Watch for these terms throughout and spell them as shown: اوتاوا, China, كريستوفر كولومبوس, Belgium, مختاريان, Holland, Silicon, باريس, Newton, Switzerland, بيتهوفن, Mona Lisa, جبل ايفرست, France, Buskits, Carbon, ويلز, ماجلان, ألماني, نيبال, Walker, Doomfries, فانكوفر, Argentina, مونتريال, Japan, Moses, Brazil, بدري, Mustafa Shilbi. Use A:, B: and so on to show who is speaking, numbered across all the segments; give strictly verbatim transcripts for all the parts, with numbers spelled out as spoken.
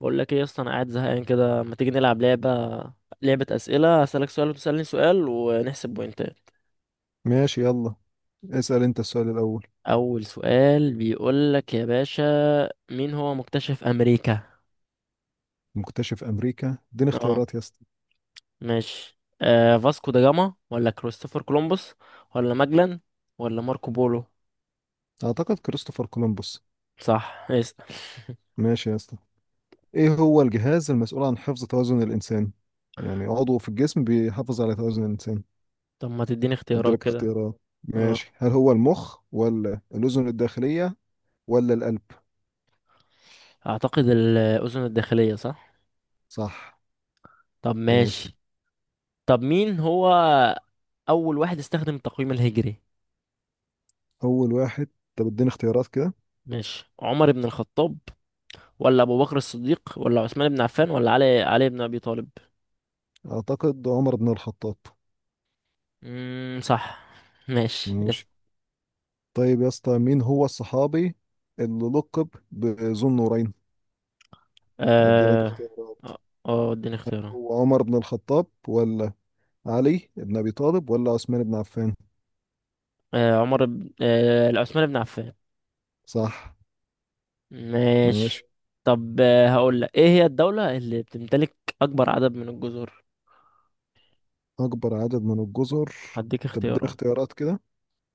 A: بقول لك ايه يا اسطى، انا قاعد زهقان كده. ما تيجي نلعب لعبه؟ لعبه اسئله، اسالك سؤال وتسالني سؤال ونحسب بوينتات.
B: ماشي، يلا. اسأل انت السؤال الأول.
A: اول سؤال بيقول لك يا باشا، مين هو مكتشف امريكا؟
B: مكتشف أمريكا، اديني
A: اه
B: اختيارات يا اسطى.
A: ماشي، آه فاسكو دا جاما ولا كريستوفر كولومبوس ولا ماجلان ولا ماركو بولو؟
B: أعتقد كريستوفر كولومبوس.
A: صح. اسال.
B: ماشي يا اسطى، ايه هو الجهاز المسؤول عن حفظ توازن الإنسان؟ يعني عضو في الجسم بيحافظ على توازن الإنسان.
A: طب ما تديني اختيارات
B: اديلك
A: كده؟
B: اختيارات،
A: اه
B: ماشي. هل هو المخ ولا الأذن الداخلية ولا القلب؟
A: اعتقد الاذن الداخليه، صح؟
B: صح.
A: طب
B: ماشي.
A: ماشي. طب مين هو اول واحد استخدم التقويم الهجري؟
B: أول واحد، طب اديني اختيارات كده.
A: ماشي، عمر بن الخطاب ولا ابو بكر الصديق ولا عثمان بن عفان ولا علي علي بن ابي طالب؟
B: أعتقد عمر بن الخطاب.
A: امم صح. ماشي يس.
B: ماشي. طيب يا اسطى، مين هو الصحابي اللي لقب بذو النورين؟ اديلك
A: اه
B: اختيارات.
A: اه آه، اديني اختيارات.
B: هو عمر بن الخطاب ولا علي بن أبي طالب ولا عثمان بن عفان؟
A: آه عمر بن آه لا، عثمان بن عفان.
B: صح.
A: ماشي.
B: ماشي.
A: طب آه هقول لك، ايه هي الدولة اللي بتمتلك اكبر عدد من الجزر؟
B: أكبر عدد من الجزر،
A: هديك
B: طب اديني
A: اختيارات.
B: اختيارات كده.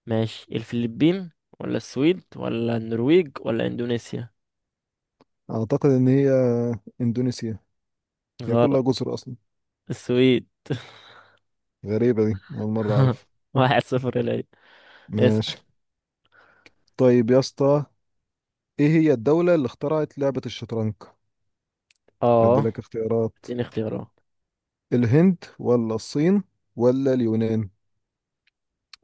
A: ماشي، الفلبين ولا السويد ولا النرويج ولا اندونيسيا؟
B: أعتقد إن هي إندونيسيا. هي كلها
A: غلط،
B: جزر أصلا.
A: السويد.
B: غريبة دي، أول مرة أعرف.
A: واحد صفر ليا. اسأل.
B: ماشي. طيب يا اسطى، إيه هي الدولة اللي اخترعت لعبة الشطرنج؟ أدي
A: اه
B: لك اختيارات.
A: اديني اختيارات.
B: الهند ولا الصين ولا اليونان؟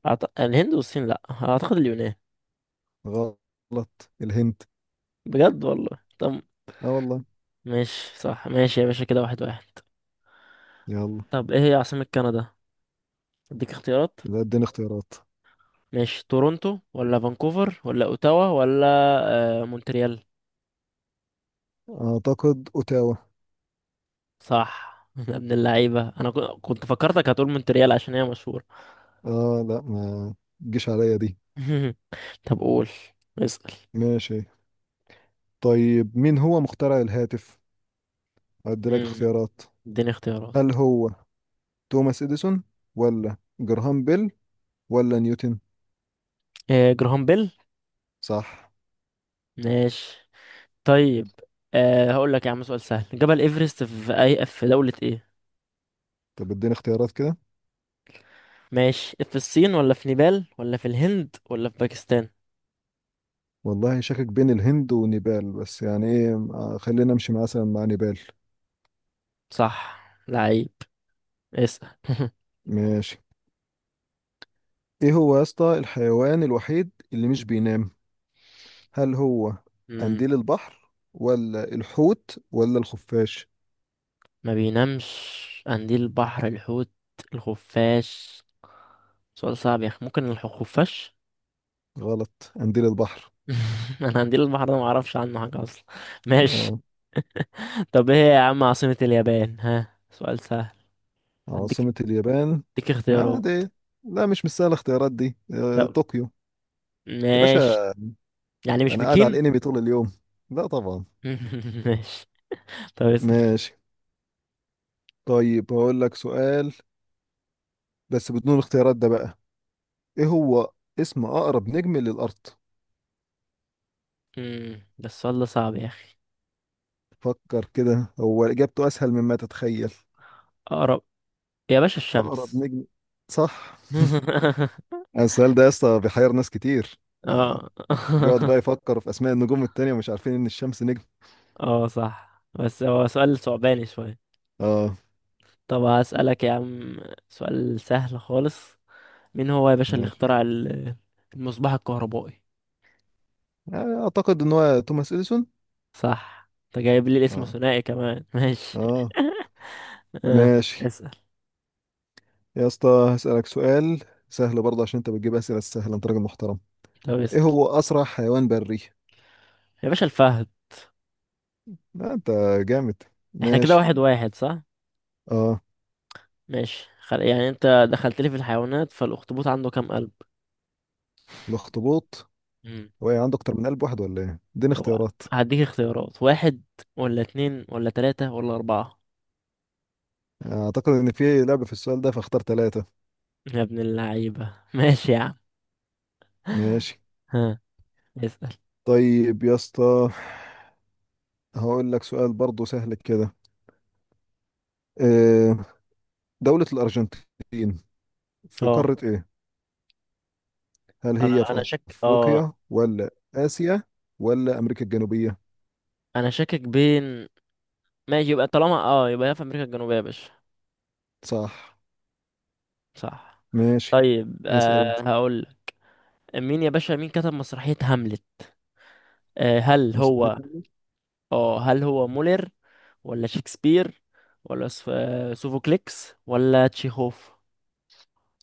A: أعت... الهند والصين لأ، أعتقد اليونان.
B: غلط الهند.
A: بجد والله؟ طب
B: آه والله.
A: ماشي، صح. ماشي يا باشا، كده واحد واحد.
B: يلا،
A: طب ايه هي عاصمة كندا؟ اديك اختيارات.
B: يبقى اديني اختيارات.
A: ماشي، تورونتو ولا فانكوفر ولا اوتاوا ولا آه مونتريال؟
B: أعتقد أوتاوا.
A: صح. يا ابن اللعيبة، انا كو- كنت فكرتك هتقول مونتريال عشان هي مشهورة.
B: اه لا، ما تجيش عليا دي.
A: طب قول، اسأل.
B: ماشي. طيب مين هو مخترع الهاتف؟ هدي لك
A: مم.
B: اختيارات.
A: اديني اختيارات.
B: هل هو توماس اديسون ولا جراهام بيل ولا نيوتن؟
A: آه جراهام بيل.
B: صح.
A: ماشي. طيب، آه هقول لك يا عم سؤال سهل. جبل ايفرست في اي، في دولة ايه؟
B: طب اديني اختيارات كده.
A: ماشي، في الصين ولا في نيبال ولا في الهند ولا في باكستان؟
B: والله شاكك بين الهند ونيبال، بس يعني ايه آه، خلينا امشي مثلا مع نيبال.
A: صح. لعيب. اسأل.
B: ماشي. ايه هو يا اسطى الحيوان الوحيد اللي مش بينام؟ هل هو
A: مم.
B: قنديل البحر ولا الحوت ولا الخفاش؟
A: ما بينامش؟ قنديل البحر، الحوت، الخفاش. سؤال صعب يا اخي. ممكن الخفاش.
B: غلط قنديل البحر.
A: انا قنديل البحر ده ما اعرفش عنه حاجه اصلا. ماشي.
B: آه.
A: طب ايه يا عم عاصمة اليابان؟ ها سؤال سهل. هديك
B: عاصمة اليابان،
A: هديك
B: آه
A: اختيارات.
B: دي لا مش مستاهلة الاختيارات دي. آه،
A: طب
B: طوكيو يا
A: ماشي.
B: باشا.
A: يعني مش
B: أنا قاعد على
A: بكين.
B: الأنمي طول اليوم، لا طبعا.
A: ماشي. طب اسأل.
B: ماشي. طيب هقول لك سؤال بس بدون الاختيارات ده بقى. إيه هو اسم أقرب نجم للأرض؟
A: مم. ده السؤال ده صعب يا اخي.
B: فكر كده، هو إجابته أسهل مما تتخيل.
A: اقرب؟ يا باشا
B: أقرب
A: الشمس.
B: نجم. صح. السؤال ده يا اسطى بيحير ناس كتير. آه،
A: اه.
B: بيقعد بقى يفكر في أسماء النجوم التانية ومش عارفين إن الشمس نجم.
A: اه صح، بس هو سؤال صعباني شوية.
B: اه.
A: طب هسألك يا عم سؤال سهل خالص. مين هو يا باشا اللي
B: ماشي.
A: اخترع ال- المصباح الكهربائي؟
B: آه، أعتقد إن هو توماس إديسون.
A: صح. انت جايب لي الاسم
B: آه.
A: ثنائي كمان. ماشي.
B: اه.
A: اه.
B: ماشي
A: اسأل.
B: يا اسطى، هسألك سؤال سهل برضه عشان انت بتجيب أسئلة سهلة، انت راجل محترم.
A: طب
B: ايه
A: اسأل.
B: هو أسرع حيوان بري؟
A: يا باشا الفهد.
B: آه انت جامد.
A: احنا كده
B: ماشي.
A: واحد واحد، صح؟
B: اه.
A: ماشي. خل... يعني انت دخلت لي في الحيوانات، فالأخطبوط عنده كام قلب؟
B: الاخطبوط،
A: مم.
B: هو إيه، عنده اكتر من قلب واحد ولا ايه؟ اديني
A: هو
B: اختيارات.
A: هديك اختيارات، واحد ولا اتنين ولا تلاتة ولا أربعة؟
B: اعتقد ان في لعبة في السؤال ده فاختار ثلاثة.
A: يا ابن اللعيبة. ماشي يا عم.
B: ماشي.
A: ها، اسأل.
B: طيب يا اسطى، هقول لك سؤال برضه سهل كده. آه، دولة الأرجنتين في
A: اه،
B: قارة إيه؟ هل هي
A: انا انا
B: في
A: شك اه،
B: أفريقيا ولا آسيا ولا أمريكا الجنوبية؟
A: انا شاكك بين. ماشي، يبقى طالما اه، يبقى هي في امريكا الجنوبية يا باشا.
B: صح.
A: صح.
B: ماشي.
A: طيب،
B: اسأل انت.
A: آه هقول. مين يا باشا، مين كتب مسرحية هاملت؟ آه هل هو
B: مصلحتنا.
A: اه هل هو مولر ولا شكسبير ولا سف... آه، سوفوكليكس ولا تشيخوف؟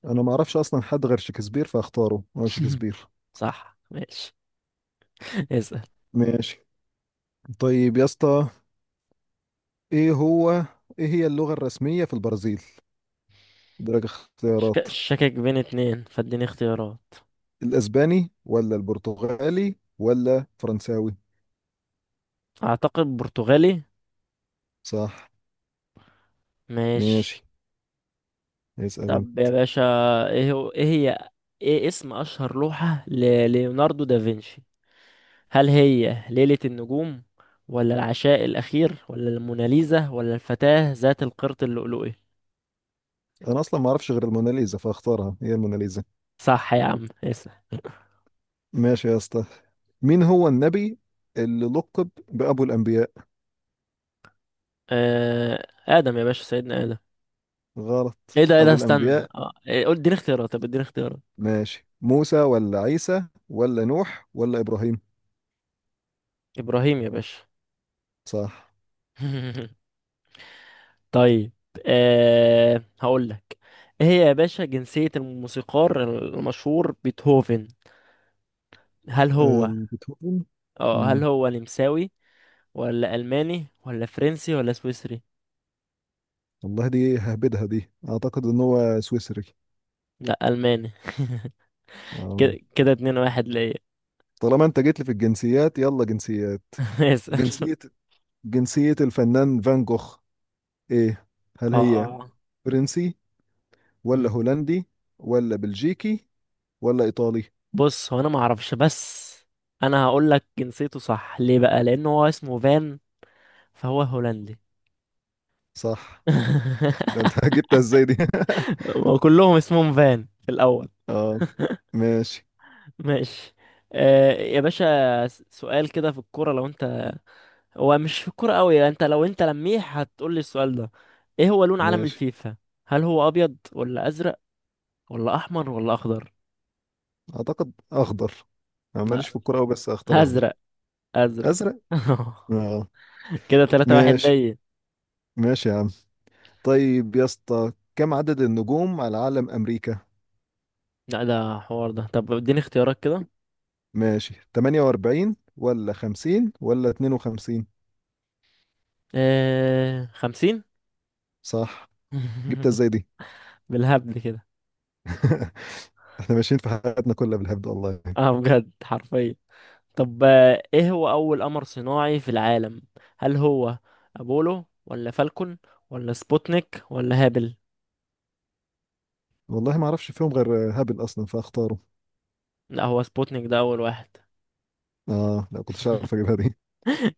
B: انا ما اعرفش اصلا حد غير شكسبير فاختاره، هو شكسبير.
A: صح. ماشي. اسأل.
B: ماشي. طيب يا اسطى، ايه هو، ايه هي اللغة الرسمية في البرازيل؟ درجة
A: شك-
B: اختيارات.
A: شاكك بين اتنين، فاديني اختيارات.
B: الاسباني ولا البرتغالي ولا فرنساوي؟
A: اعتقد برتغالي.
B: صح.
A: ماشي.
B: ماشي. اسأل
A: طب
B: انت.
A: يا باشا، ايه هو ايه هي ايه اسم اشهر لوحة لليوناردو دافنشي؟ هل هي ليلة النجوم ولا العشاء الاخير ولا الموناليزا ولا الفتاة ذات القرط اللؤلؤي؟
B: انا اصلا ما اعرفش غير الموناليزا فاختارها، هي الموناليزا.
A: صح يا عم. اسم.
B: ماشي يا اسطى، مين هو النبي اللي لقب بأبو الأنبياء؟
A: آه ادم يا باشا، سيدنا ادم.
B: غلط
A: ايه ده ايه ده
B: أبو
A: استنى،
B: الأنبياء.
A: اه إيه قول اديني اختيارات طب اديني اختيارات.
B: ماشي موسى ولا عيسى ولا نوح ولا إبراهيم؟
A: ابراهيم يا باشا.
B: صح.
A: طيب، آه هقول لك، ايه هي يا باشا جنسية الموسيقار المشهور بيتهوفن؟ هل هو
B: آم، بيتهوفن.
A: اه هل
B: مم.
A: هو نمساوي ولا ألماني ولا فرنسي ولا سويسري؟
B: والله دي ههبدها دي، أعتقد إن هو سويسري.
A: لا، ألماني. كده
B: آم،
A: كده اتنين واحد ليا.
B: طالما أنت جيت لي في الجنسيات يلا جنسيات.
A: اسأل.
B: جنسية، جنسية الفنان فان جوخ إيه؟ هل هي
A: اه.
B: فرنسي
A: مم.
B: ولا هولندي ولا بلجيكي ولا إيطالي؟
A: بص، هو انا ما اعرفش، بس انا هقول لك جنسيته صح ليه؟ بقى لان هو اسمه فان، فهو هولندي.
B: صح. ده أنت جبتها إزاي دي؟
A: وكلهم اسمهم فان في الاول.
B: اه. ماشي.
A: ماشي. آه يا باشا س- سؤال كده في الكورة. لو انت، هو مش في الكورة قوي انت، لو انت لميح هتقول لي السؤال ده. ايه هو لون علم
B: ماشي
A: الفيفا؟ هل هو ابيض ولا ازرق ولا احمر ولا اخضر؟
B: أعتقد أخضر. أنا
A: لا،
B: ماليش في الكورة أوي بس أختار أخضر.
A: ازرق، ازرق.
B: أزرق. آه.
A: كده تلاتة واحد
B: ماشي.
A: ليا.
B: ماشي يا عم. طيب يا اسطى، كم عدد النجوم على علم أمريكا؟
A: لا ده حوار ده. طب اديني اختيارات كده.
B: ماشي، ثمانية وأربعين ولا خمسين ولا اثنين وخمسين؟
A: آه... خمسين.
B: صح. جبتها ازاي دي؟
A: بالهبل كده.
B: احنا ماشيين في حياتنا كلها بالهبد والله.
A: اه بجد، حرفيا. طب آه، ايه هو اول قمر صناعي في العالم؟ هل هو ابولو ولا فالكون ولا سبوتنيك ولا هابل؟
B: والله ما اعرفش فيهم غير هابل اصلا فاختاره.
A: لا، هو سبوتنيك ده اول واحد.
B: اه لا، كنتش عارف اجيبها دي.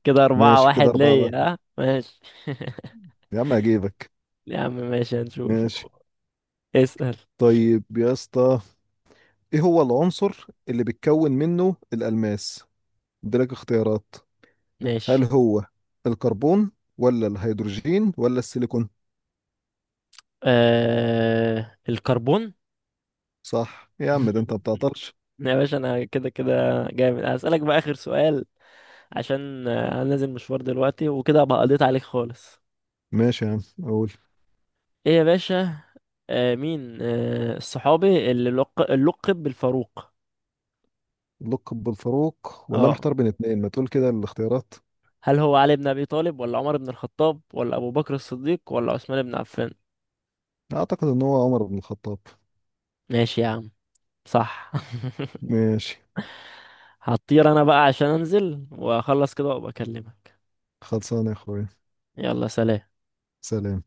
A: كده أربعة
B: ماشي كده
A: واحد
B: أربعة
A: ليا.
B: واحد
A: ها ماشي.
B: يا عم هجيبك.
A: يا عم ماشي، هنشوف.
B: ماشي.
A: اسأل.
B: طيب يا اسطى، ايه هو العنصر اللي بيتكون منه الألماس؟ اديلك اختيارات. هل
A: ماشي.
B: هو الكربون ولا الهيدروجين ولا السيليكون؟
A: آه... الكربون.
B: صح يا عم، ده انت ما بتعطلش.
A: يا باشا، أنا كده كده جامد. هسألك بقى آخر سؤال، عشان آه، أنا نازل مشوار دلوقتي وكده أبقى قضيت عليك خالص.
B: ماشي يا عم. اقول.
A: إيه يا باشا؟ آه مين آه الصحابي اللي لق... لقب بالفاروق؟
B: اللقب بالفاروق، والله
A: اه
B: محتار بين اتنين، ما تقول كده الاختيارات.
A: هل هو علي بن أبي طالب ولا عمر بن الخطاب ولا أبو بكر الصديق ولا عثمان بن عفان؟
B: اعتقد ان هو عمر بن الخطاب.
A: ماشي يا عم، صح.
B: ماشي.
A: هطير انا بقى عشان انزل واخلص كده وابقى اكلمك.
B: خلصانه يا اخويا.
A: يلا سلام.
B: سلام.